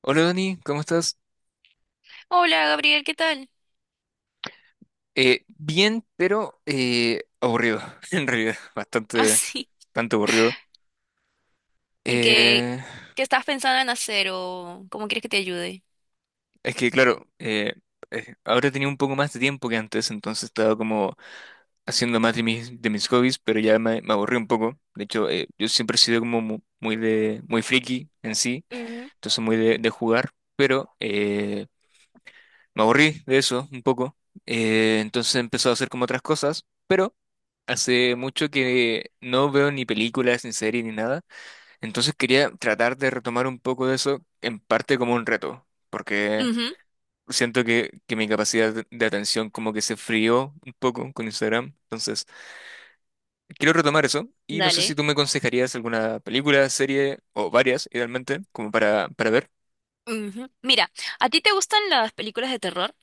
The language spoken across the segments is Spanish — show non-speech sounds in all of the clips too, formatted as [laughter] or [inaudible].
Hola Dani, ¿cómo estás? Hola Gabriel, ¿qué tal? Bien, pero aburrido, [laughs] en realidad, [laughs] bastante, Así. bastante aburrido. ¿Y qué, Eh, qué estás pensando en hacer o cómo quieres que te ayude? es que, claro, ahora tenía un poco más de tiempo que antes, entonces estaba como haciendo más de mis hobbies, pero ya me aburrí un poco. De hecho, yo siempre he sido como muy friki en sí, Ujú. entonces muy de jugar, pero me aburrí de eso un poco. Entonces empezó a hacer como otras cosas. Pero hace mucho que no veo ni películas, ni series, ni nada. Entonces quería tratar de retomar un poco de eso, en parte como un reto, porque Ujú. siento que mi capacidad de atención como que se frió un poco con Instagram. Entonces, quiero retomar eso y no sé si Dale. tú me aconsejarías alguna película, serie o varias, idealmente, como para ver. Ujú. Mira, ¿a ti te gustan las películas de terror?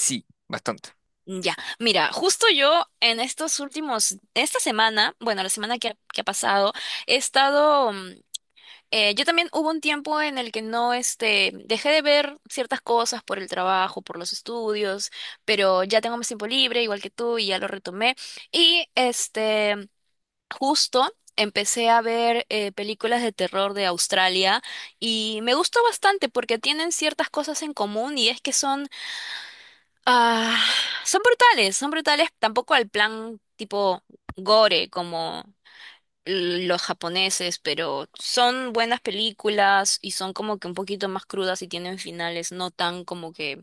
Sí, bastante. Ya, mira, justo yo en estos últimos, esta semana, bueno, la semana que ha pasado, he estado, yo también hubo un tiempo en el que no, este, dejé de ver ciertas cosas por el trabajo, por los estudios, pero ya tengo más tiempo libre, igual que tú, y ya lo retomé. Y este... Justo empecé a ver películas de terror de Australia y me gustó bastante porque tienen ciertas cosas en común y es que ah, son brutales tampoco al plan tipo gore como los japoneses, pero son buenas películas y son como que un poquito más crudas y tienen finales no tan como que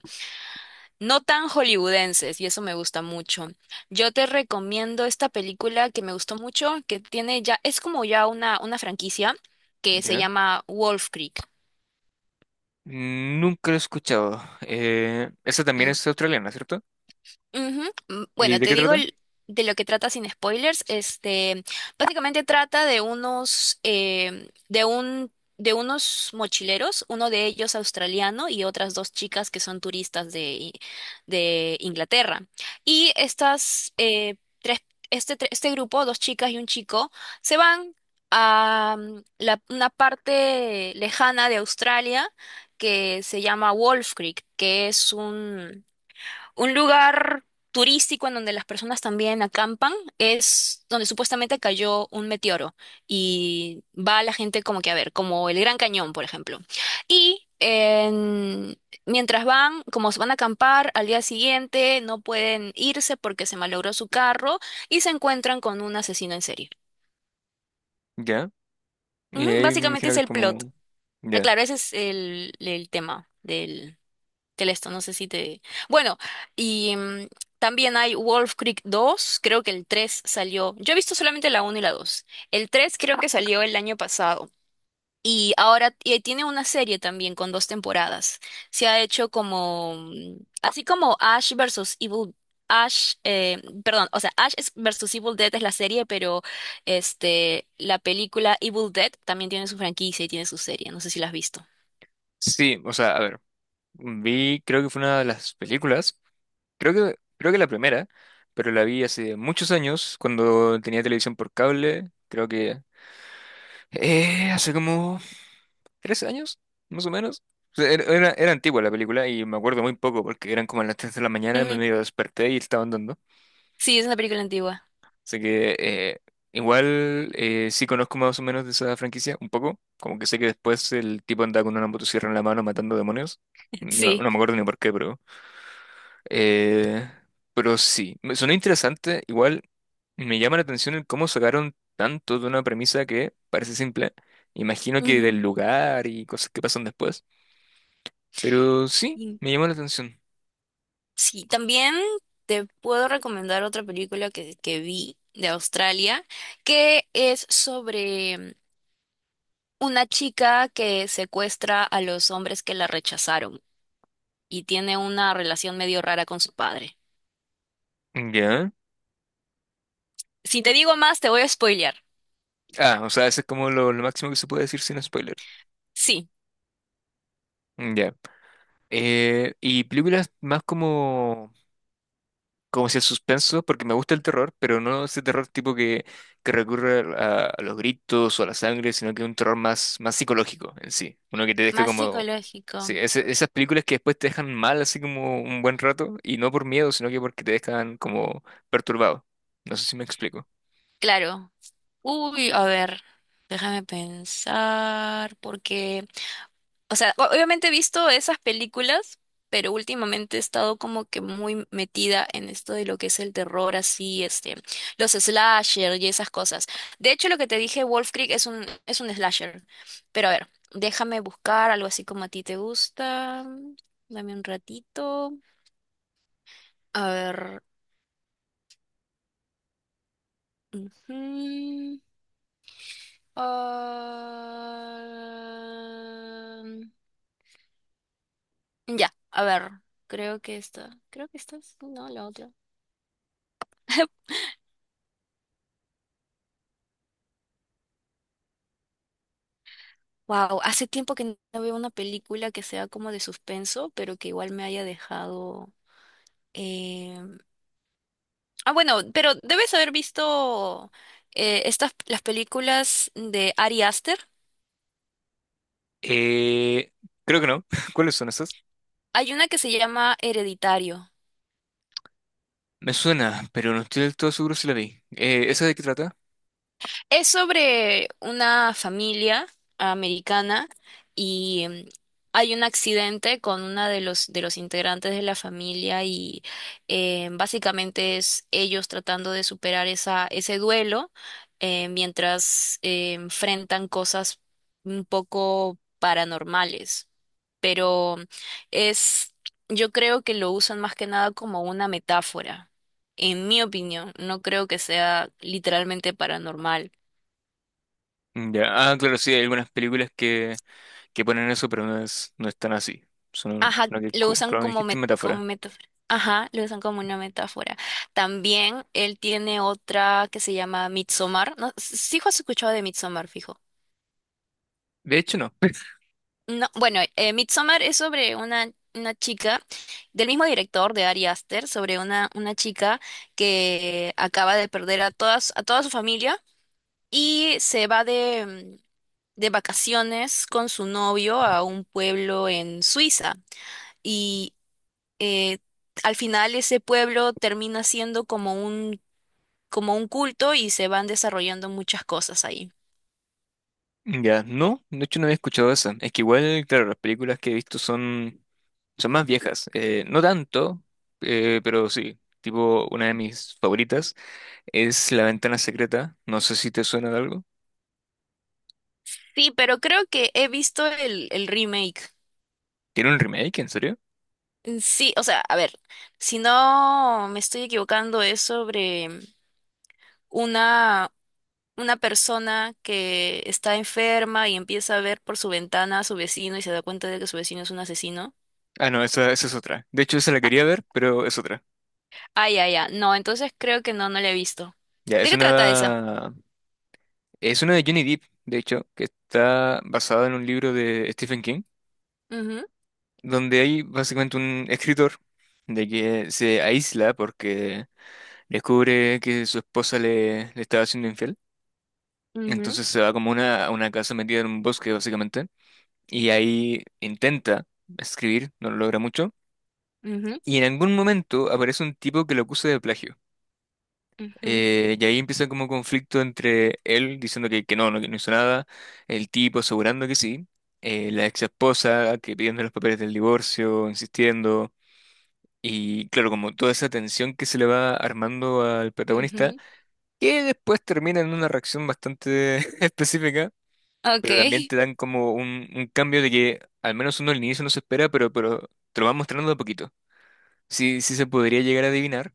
no tan hollywoodenses, y eso me gusta mucho. Yo te recomiendo esta película que me gustó mucho, que tiene ya, es como ya una franquicia que se ¿Ya? llama Wolf Creek. Nunca lo he escuchado. Esa también es australiana, ¿cierto? Ujú. ¿Y Bueno, de qué trata? De lo que trata sin spoilers. Este, básicamente trata de de unos mochileros, uno de ellos australiano y otras dos chicas que son turistas de Inglaterra. Y estas tres, este grupo, dos chicas y un chico, se van a una parte lejana de Australia que se llama Wolf Creek, que es un lugar turístico en donde las personas también acampan, es donde supuestamente cayó un meteoro y va la gente como que a ver, como el Gran Cañón, por ejemplo. Y en- Mientras van, como se van a acampar, al día siguiente no pueden irse porque se malogró su carro y se encuentran con un asesino en serie. ¿Ya? Y Ujú, ahí me básicamente imagino que es es el plot. como... Ah, Ya. claro, ese es el tema del que esto, no sé si te... Bueno, y mm, también hay Wolf Creek 2, creo que el 3 salió. Yo he visto solamente la uno y la dos. El 3 creo que salió el año pasado. Y tiene una serie también con dos temporadas. Se ha hecho como... así como Ash versus Evil... perdón, o sea, versus Evil Dead es la serie, pero este, la película Evil Dead también tiene su franquicia y tiene su serie. No sé si la has visto. Sí, o sea, a ver, vi, creo que fue una de las películas, creo que la primera, pero la vi hace muchos años, cuando tenía televisión por cable, creo que hace como 3 años, más o menos. O sea, era antigua la película y me acuerdo muy poco porque eran como a las 3 de la mañana, me Ujú. medio desperté y estaban dando. Sí, es una película antigua. Así que igual sí conozco más o menos de esa franquicia, un poco. Como que sé que después el tipo anda con una motosierra en la mano matando demonios. [laughs] No, Sí. no me acuerdo ni por qué, eh, pero sí, me sonó interesante. Igual me llama la atención el cómo sacaron tanto de una premisa que parece simple. Imagino que del lugar y cosas que pasan después. Pero sí, Y me llama la atención. sí, también te puedo recomendar otra película que vi de Australia, que es sobre una chica que secuestra a los hombres que la rechazaron y tiene una relación medio rara con su padre. Ya. Si te digo más, te voy a spoilear. Ah, o sea, ese es como lo máximo que se puede decir sin spoiler. Sí, Ya. Y películas más como, como si el suspenso, porque me gusta el terror, pero no ese terror tipo que recurre a los gritos o a la sangre, sino que un terror más psicológico en sí. Uno que te deje más como... Sí, psicológico. Esas películas que después te dejan mal así como un buen rato, y no por miedo, sino que porque te dejan como perturbado. No sé si me explico. Claro. Uy, a ver, déjame pensar, porque... O sea, obviamente he visto esas películas, pero últimamente he estado como que muy metida en esto de lo que es el terror, así, este, los slasher y esas cosas. De hecho, lo que te dije, Wolf Creek es un slasher. Pero a ver, déjame buscar algo así como a ti te gusta. Dame un ratito. A ver. ujú, ah, Ya, a ver. Creo que esta. No, la otra. [laughs] Wow, hace tiempo que no veo una película que sea como de suspenso, pero que igual me haya dejado. eh, bueno, pero debes haber visto estas las películas de Ari Aster. Eh, creo que no. [laughs] ¿Cuáles son esas? Hay una que se llama Hereditario. Me suena, pero no estoy del todo seguro si la vi. ¿Esa de qué trata? Es sobre una familia americana y hay un accidente con una de los integrantes de la familia y, básicamente es ellos tratando de superar esa ese duelo, mientras enfrentan cosas un poco paranormales. Pero es, yo creo que lo usan más que nada como una metáfora. En mi opinión, no creo que sea literalmente paranormal. Ya, ah, claro, sí, hay algunas películas que ponen eso, pero no es tan así. Sino, Ajá, sino que, lo usan claro, como, dijiste en como metáfora. metáfora. Ajá, lo usan como una metáfora. También él tiene otra que se llama Midsommar. No, sí has escuchado de Midsommar, fijo. De hecho, no. No, bueno, Midsommar es sobre una chica del mismo director de Ari Aster, sobre una chica que acaba de perder a toda su familia y se va mm, de vacaciones con su novio a un pueblo en Suiza. eh, Al final ese pueblo termina siendo como un culto y se van desarrollando muchas cosas ahí. Ya, no, de hecho no había escuchado esa. Es que igual, claro, las películas que he visto son, son más viejas. No tanto, pero sí. Tipo, una de mis favoritas es La Ventana Secreta. No sé si te suena de algo. Sí, pero creo que he visto el remake. ¿Tiene un remake, en serio? Sí, o sea, a ver, si no me estoy equivocando, es sobre una, una persona que está enferma y empieza a ver por su ventana a su vecino y se da cuenta de que su vecino es un asesino. Ah, no, esa es otra. De hecho, esa la Ah, quería ver, pero es otra. ah, ya, ya. No, entonces creo que no, no la he visto. Ya, ¿De qué trata esa? Es una de Johnny Depp, de hecho, que está basada en un libro de Stephen King, Ujú, donde hay básicamente un escritor de que se aísla porque descubre que le estaba siendo infiel. ujú, Entonces se va a una casa metida en un bosque, básicamente, y ahí intenta escribir, no lo logra mucho. ujú, Y en algún momento aparece un tipo que lo acusa de plagio. ujú. Y ahí empieza como conflicto entre él diciendo que no hizo nada, el tipo asegurando que sí, la ex esposa que pidiendo los papeles del divorcio, insistiendo. Y claro, como toda esa tensión que se le va armando al protagonista, Ujú. que después termina en una reacción bastante [laughs] específica, pero también Ok. te dan como un cambio de que al menos uno al inicio no se espera, pero te lo van mostrando de a poquito. Sí, sí se podría llegar a adivinar,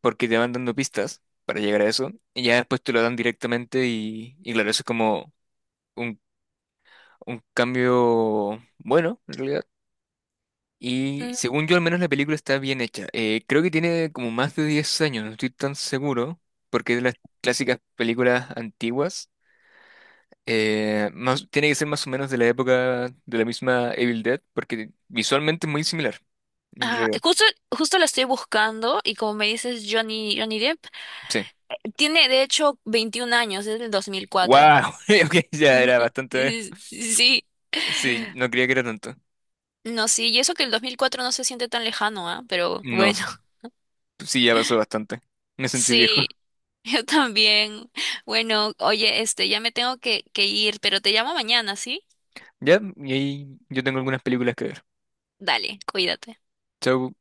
porque te van dando pistas para llegar a eso, y ya después te lo dan directamente y claro, eso es como un, un cambio bueno, en realidad. Y Mm, según yo, al menos la película está bien hecha. Creo que tiene como más de 10 años, no estoy tan seguro, porque es de las clásicas películas antiguas. Tiene que ser más o menos de la época de la misma Evil Dead, porque visualmente es muy similar, en realidad. Justo, justo la estoy buscando y como me dices Johnny Depp, Sí. tiene de hecho 21 años, es del 2004. ¡Wow! [laughs] Ok, ya Ujú. era [laughs] bastante. Sí, sí. Sí, no creía que era tanto. No, sí, y eso que el 2004 no se siente tan lejano, ¿ah? Pero No, bueno, [laughs] sí, ya pasó bastante. Me sentí viejo. sí, yo también. Bueno, oye, este, ya me tengo que ir, pero te llamo mañana, ¿sí? Ya, y ahí yo tengo algunas películas que ver. Dale, cuídate. Chau.